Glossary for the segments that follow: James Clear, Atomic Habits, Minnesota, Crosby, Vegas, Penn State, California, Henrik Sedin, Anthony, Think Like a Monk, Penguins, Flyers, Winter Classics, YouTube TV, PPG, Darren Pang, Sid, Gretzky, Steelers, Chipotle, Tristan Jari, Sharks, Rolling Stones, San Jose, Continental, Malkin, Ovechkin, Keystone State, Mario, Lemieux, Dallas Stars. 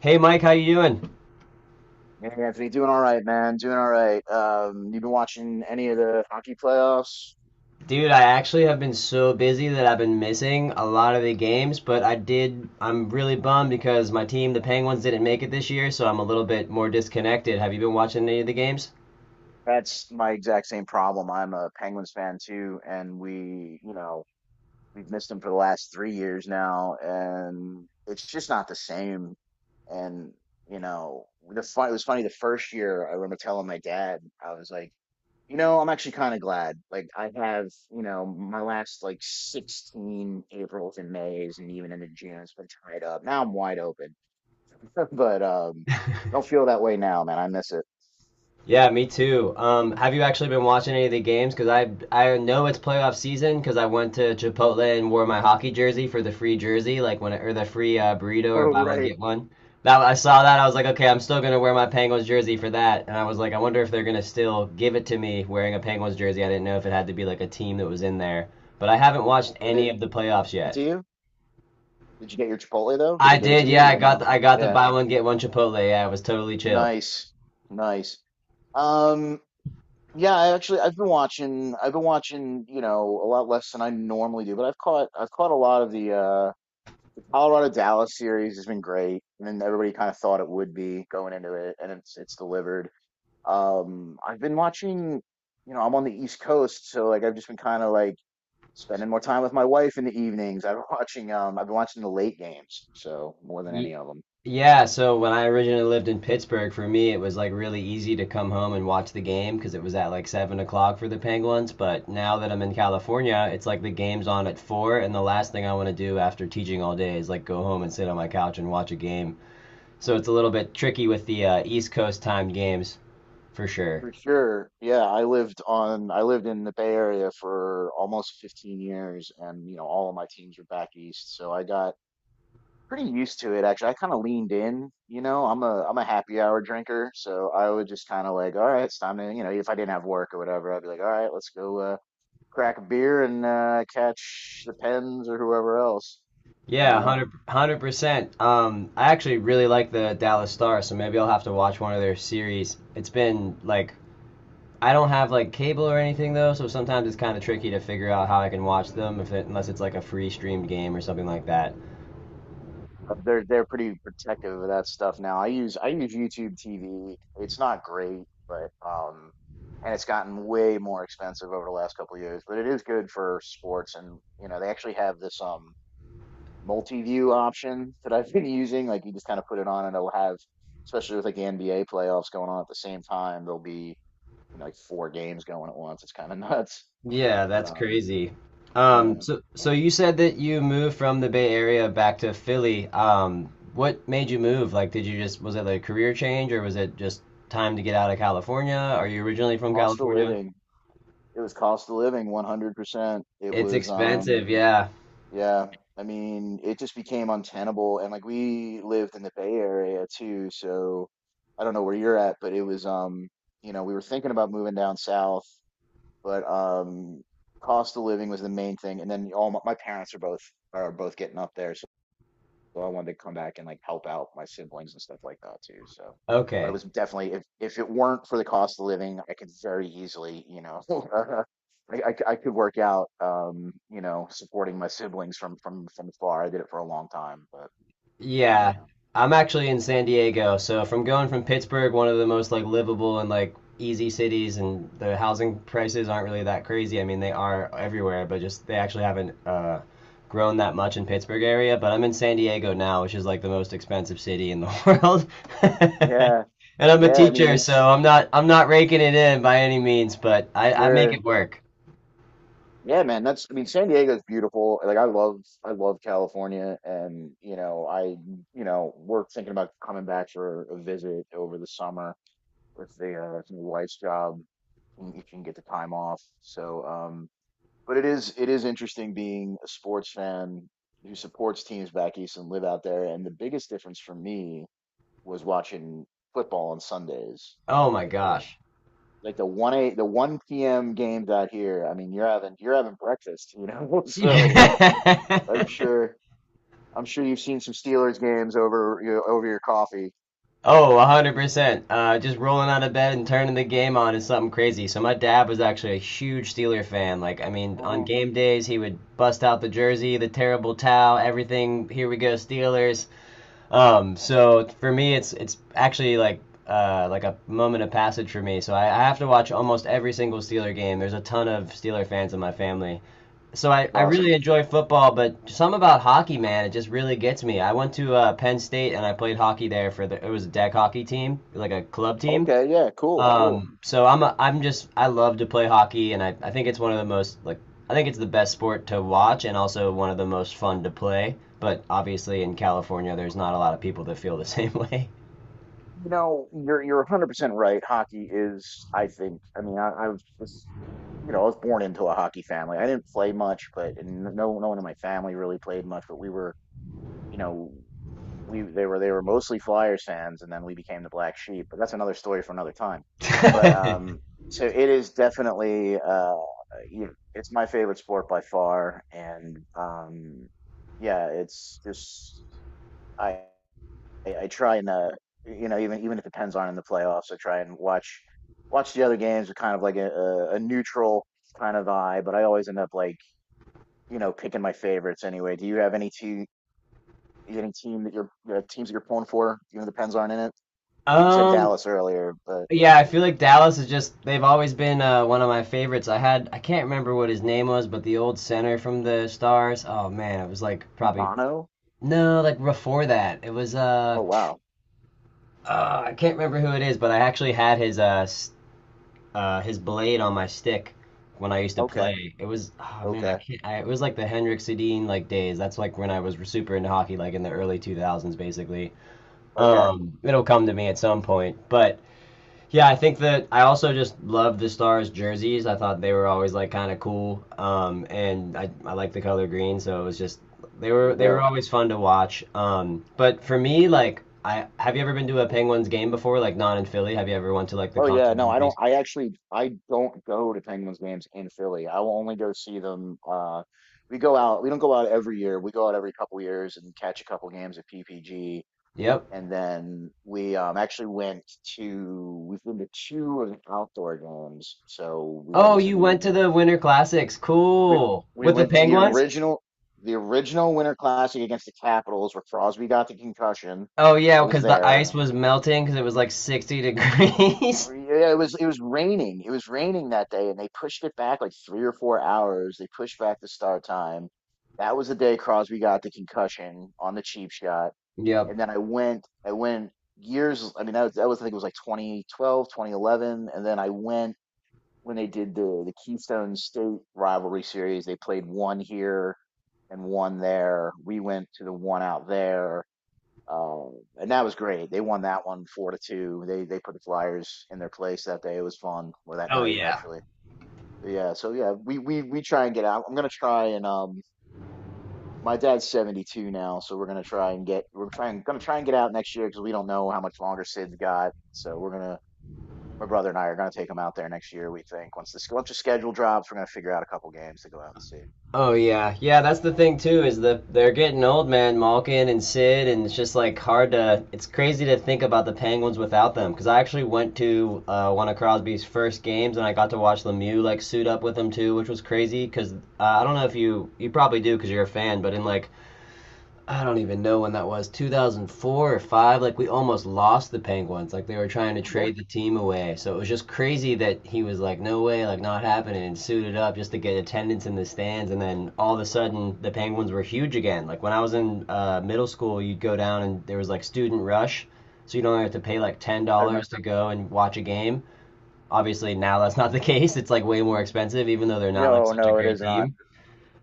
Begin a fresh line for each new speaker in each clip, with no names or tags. Hey Mike, how you doing?
Hey Anthony, doing all right, man. Doing all right. You been watching any of the hockey playoffs?
Dude, I actually have been so busy that I've been missing a lot of the games, but I'm really bummed because my team, the Penguins, didn't make it this year, so I'm a little bit more disconnected. Have you been watching any of the games?
That's my exact same problem. I'm a Penguins fan too, and we've missed them for the last 3 years now, and it's just not the same. And it was funny the first year. I remember telling my dad. I was like, I'm actually kind of glad. Like, I have, my last like 16 Aprils and Mays and even into June, it's been tied up. Now I'm wide open. But I don't feel that way now, man. I miss it.
Yeah, me too. Have you actually been watching any of the games? Because I know it's playoff season because I went to Chipotle and wore my hockey jersey for the free jersey, like when it, or the free burrito or
Oh,
buy one
right.
get one. That I saw that I was like, okay, I'm still gonna wear my Penguins jersey for that, and I was like, I wonder if they're gonna still give it to me wearing a Penguins jersey. I didn't know if it had to be like a team that was in there, but I haven't
They
watched
give
any of
it
the playoffs
it to
yet.
you? Did you get your Chipotle though? Did they
I
give it to
did,
you?
yeah,
Even though,
I got the
yeah,
buy one get one Chipotle. Yeah, it was totally chill.
nice, nice. Um, yeah, I actually I've been watching. A lot less than I normally do, but I've caught a lot of the Colorado Dallas series has been great, and then everybody kind of thought it would be going into it, and it's delivered. I've been watching. I'm on the East Coast, so like I've just been kind of like spending more time with my wife in the evenings. I've been watching I've been watching the late games, so more than any of them.
Yeah, so when I originally lived in Pittsburgh, for me it was like really easy to come home and watch the game because it was at like 7 o'clock for the Penguins. But now that I'm in California, it's like the game's on at four, and the last thing I want to do after teaching all day is like go home and sit on my couch and watch a game. So it's a little bit tricky with the East Coast timed games for sure.
For sure. Yeah, I lived on I lived in the Bay Area for almost 15 years, and all of my teams were back east, so I got pretty used to it actually. I kind of leaned in. I'm a happy hour drinker, so I would just kind of like, all right, it's time to, if I didn't have work or whatever, I'd be like, all right, let's go crack a beer and catch the Pens or whoever else, you
Yeah,
know.
100%. I actually really like the Dallas Stars, so maybe I'll have to watch one of their series. It's been like I don't have like cable or anything though, so sometimes it's kind of tricky to figure out how I can watch them if it, unless it's like a free streamed game or something like that.
They're pretty protective of that stuff now. I use YouTube TV. It's not great, but and it's gotten way more expensive over the last couple of years. But it is good for sports, and they actually have this multi-view option that I've been using. Like you just kind of put it on, and it'll have, especially with like the NBA playoffs going on at the same time, there'll be, like four games going at once. It's kind of nuts.
Yeah,
But,
that's crazy.
yeah,
So you said that you moved from the Bay Area back to Philly. What made you move? Like, did you just was it like a career change or was it just time to get out of California? Are you originally from
cost of
California?
living. It was cost of living, 100%. It
It's
was
expensive, yeah.
Yeah, I mean, it just became untenable, and like we lived in the Bay Area too, so I don't know where you're at, but it was you know, we were thinking about moving down south. But Cost of living was the main thing, and then my parents are both, getting up there, so I wanted to come back and like help out my siblings and stuff like that too. So, but it
Okay.
was definitely, if it weren't for the cost of living, I could very easily, I could work out, supporting my siblings from afar. I did it for a long time, but yeah,
Yeah, I'm actually in San Diego, so from going from Pittsburgh, one of the most like livable and like easy cities, and the housing prices aren't really that crazy. I mean, they are everywhere, but just they actually haven't grown that much in Pittsburgh area. But I'm in San Diego now, which is like the most expensive city in the world.
yeah,
And I'm a
yeah. I mean,
teacher, so
it's
I'm not raking it in by any means, but I make
sure,
it work.
yeah, man. That's I mean, San Diego's beautiful. Like I love California, and we're thinking about coming back for a visit over the summer with the wife's job, and you can get the time off. So, but it is interesting being a sports fan who supports teams back east and live out there. And the biggest difference for me was watching football on Sundays,
Oh my
like those.
gosh.
Like the 1, 8, the 1 p.m. games out here. I mean, you're having breakfast. So
Yeah.
I'm sure I'm sure you've seen some Steelers games over your coffee.
Oh, 100%. Just rolling out of bed and turning the game on is something crazy. So my dad was actually a huge Steeler fan. Like, I mean, on
Mhm. It's
game days, he would bust out the jersey, the terrible towel, everything. Here we go, Steelers. So for me, it's actually like a moment of passage for me. So I have to watch almost every single Steeler game. There's a ton of Steeler fans in my family, so I really
awesome.
enjoy football, but some about hockey, man, it just really gets me. I went to Penn State and I played hockey there for the it was a deck hockey team, like a club team.
Okay, yeah, cool, cool.
So I'm a, I love to play hockey, and I think it's one of the most like I think it's the best sport to watch and also one of the most fun to play. But obviously in California, there's not a lot of people that feel the same way.
You know, you're 100% right. Hockey is, I think, I mean, I was just, you know, I was born into a hockey family. I didn't play much, but and no one in my family really played much, but we were, you know, we they were mostly Flyers fans, and then we became the black sheep, but that's another story for another time. But so it is definitely, it's my favorite sport by far, and yeah, it's just I I try and, even if it depends on in the playoffs, I try and watch the other games with kind of like a neutral kind of eye. But I always end up like picking my favorites anyway. Do you have any team that you're teams that you're pulling for? Even if the Pens aren't in it. You said
Um,
Dallas earlier, but
Yeah, I feel like Dallas is just they've always been, one of my favorites. I can't remember what his name was, but the old center from the Stars. Oh man, it was like probably
Bono.
no, like before that. It was
Oh wow.
I can't remember who it is, but I actually had his his blade on my stick when I used to
Okay.
play. It was oh man, I
Okay.
can't I, it was like the Henrik Sedin like days. That's like when I was super into hockey like in the early 2000s basically.
Okay.
It'll come to me at some point, but yeah, I think that I also just love the Stars jerseys. I thought they were always like kind of cool, and I like the color green, so it was just
There you
they were
go.
always fun to watch. But for me, like I have you ever been to a Penguins game before, like not in Philly? Have you ever went to like the
Oh yeah, no,
Continental?
I don't. I actually, I don't go to Penguins games in Philly. I will only go see them. We go out. We don't go out every year. We go out every couple years and catch a couple games of PPG,
Yep.
and then we actually went to. We've been to two of the outdoor games. So we went
Oh,
to
you went
the
to the Winter Classics.
we
Cool. With the Penguins?
original Winter Classic against the Capitals, where Crosby got the concussion.
Oh yeah,
I was
because the ice
there.
was melting because it was like 60 degrees.
Yeah, yeah, it was raining. It was raining that day, and they pushed it back like 3 or 4 hours. They pushed back the start time. That was the day Crosby got the concussion on the cheap shot.
Yep.
And then I went years. I mean, that was, I think it was like 2012, 2011. And then I went when they did the Keystone State rivalry series. They played one here and one there. We went to the one out there, and that was great. They won that one, 4-2. They put the Flyers in their place that day. It was fun, or that
Oh
night
yeah.
actually. Yeah, so yeah, we try and get out. I'm gonna try, and my dad's 72 now, so we're trying gonna try and get out next year because we don't know how much longer Sid's got. So we're gonna my brother and I are gonna take him out there next year. We think once the schedule drops, we're gonna figure out a couple games to go out and see.
Oh yeah, yeah. That's the thing too is that they're getting old, man. Malkin and Sid, and it's just like hard to. It's crazy to think about the Penguins without them. Because I actually went to one of Crosby's first games, and I got to watch Lemieux like suit up with him too, which was crazy. Because I don't know if you you probably do because you're a fan, but in like I don't even know when that was, 2004 or 5, like we almost lost the Penguins. Like they were trying to
Oh yeah,
trade the team away. So it was just crazy that he was like, no way, like not happening, and suited up just to get attendance in the stands. And then all of a sudden, the Penguins were huge again. Like when I was in middle school, you'd go down and there was like student rush. So you don't have to pay like
I
$10
remember.
to go and watch a game. Obviously, now that's not the case. It's like way more expensive, even though they're not like
No,
such a
no, it
great
is not.
team.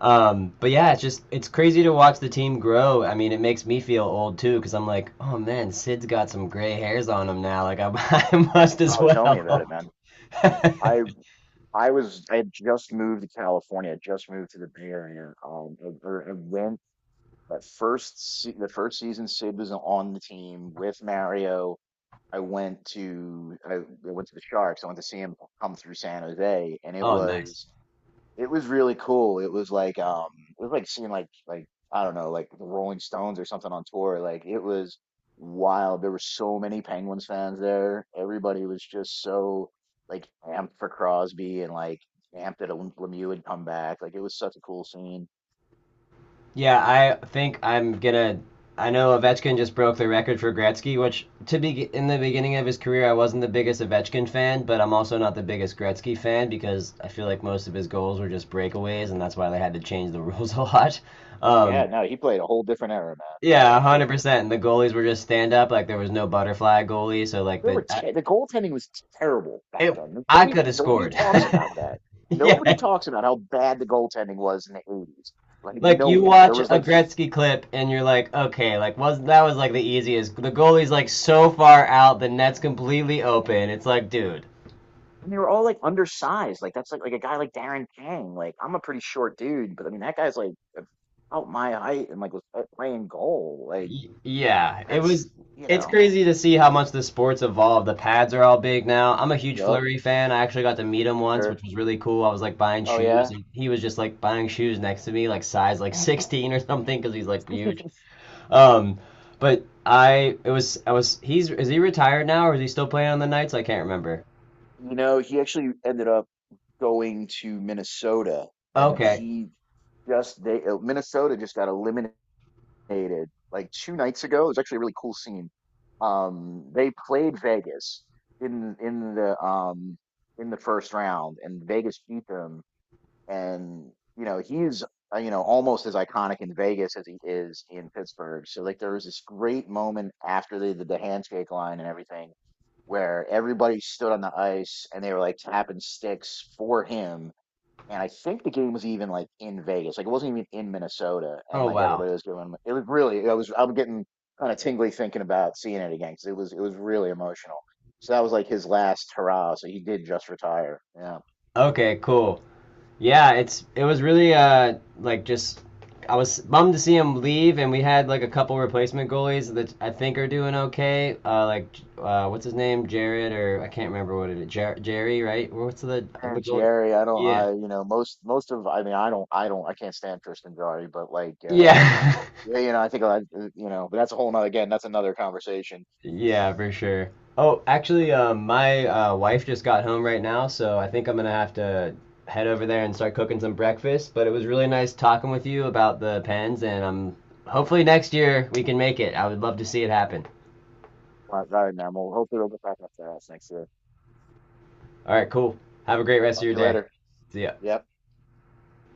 But yeah, it's just it's crazy to watch the team grow. I mean, it makes me feel old too because I'm like, oh man, Sid's got some gray hairs on him now. I must as
Oh, tell me about it,
well.
man. I I had just moved to California. I just moved to the Bay Area. Or I went that first se the first season. Sid was on the team with Mario. I went to the Sharks. I went to see him come through San Jose, and it
Oh, nice.
was it was really cool. It was like seeing, like, I don't know, like the Rolling Stones or something on tour. Like it was wild. There were so many Penguins fans there. Everybody was just so, like, amped for Crosby, and like amped that Lemieux would come back. Like it was such a cool scene.
Yeah, I think I'm gonna. I know Ovechkin just broke the record for Gretzky, which to be in the beginning of his career, I wasn't the biggest Ovechkin fan, but I'm also not the biggest Gretzky fan because I feel like most of his goals were just breakaways, and that's why they had to change the rules a lot. Um,
Yeah, no, he played a whole different era, man. Yeah,
Yeah,
for sure.
100%. And the goalies were just stand up. Like there was no butterfly goalie. So
There were te the goaltending was terrible back
it,
then.
I
Nobody
could have
nobody
scored.
talks about that.
Yeah.
Nobody talks about how bad the goaltending was in the 80s. Like
Like
no
you
one. There
watch
was
a
like
Gretzky clip and you're like, okay, like was that was like the easiest. The goalie's like so far out, the net's completely open. It's like, dude,
And they were all, like, undersized. Like that's like, a guy like Darren Pang. Like I'm a pretty short dude, but I mean that guy's like about my height and like was out playing goal. Like
Y- yeah, it was.
that's you
It's
know.
crazy to see how much the sport's evolved. The pads are all big now. I'm a huge
Yup.
flurry fan. I actually got to meet him once, which
Sure.
was really cool. I was like buying
Oh
shoes,
yeah.
and he was just like buying shoes next to me, like size like 16 or something, because he's like huge. Um, but I it was I was he's is he retired now or is he still playing on the nights? I can't remember.
You know, he actually ended up going to Minnesota, and
Okay.
he just they Minnesota just got eliminated. Dominated like 2 nights ago. It was actually a really cool scene. They played Vegas in in the um in the first round, and Vegas beat them. And he's, almost as iconic in Vegas as he is in Pittsburgh. So, like, there was this great moment after they did the handshake line and everything, where everybody stood on the ice and they were, like, tapping sticks for him, and I think the game was even, like, in Vegas. Like it wasn't even in Minnesota, and
Oh
like everybody
wow.
was going. It was really. I was. I'm getting kind of tingly thinking about seeing it again because it was really emotional. So that was like his last hurrah. So he did just retire. Yeah.
Okay, cool. Yeah, it's it was really like just I was bummed to see him leave, and we had like a couple replacement goalies that I think are doing okay. What's his name, Jared, or I can't remember what it is, Jer- Jerry, right? What's the
And
goalie?
Jerry, I don't.
Yeah,
I most of. I mean, I don't. I can't stand Tristan Jari, but, like,
yeah.
yeah, I think a lot, but that's a whole nother, again, that's another conversation.
Yeah, for sure. Oh, actually, my wife just got home right now, so I think I'm gonna have to head over there and start cooking some breakfast. But it was really nice talking with you about the pens, and hopefully next year we can make it. I would love to see it happen.
Right, right, man. We'll hopefully we'll get back up to that next year.
All right, cool. Have a great rest of
Talk
your
to you
day.
later.
See ya.
Yeah.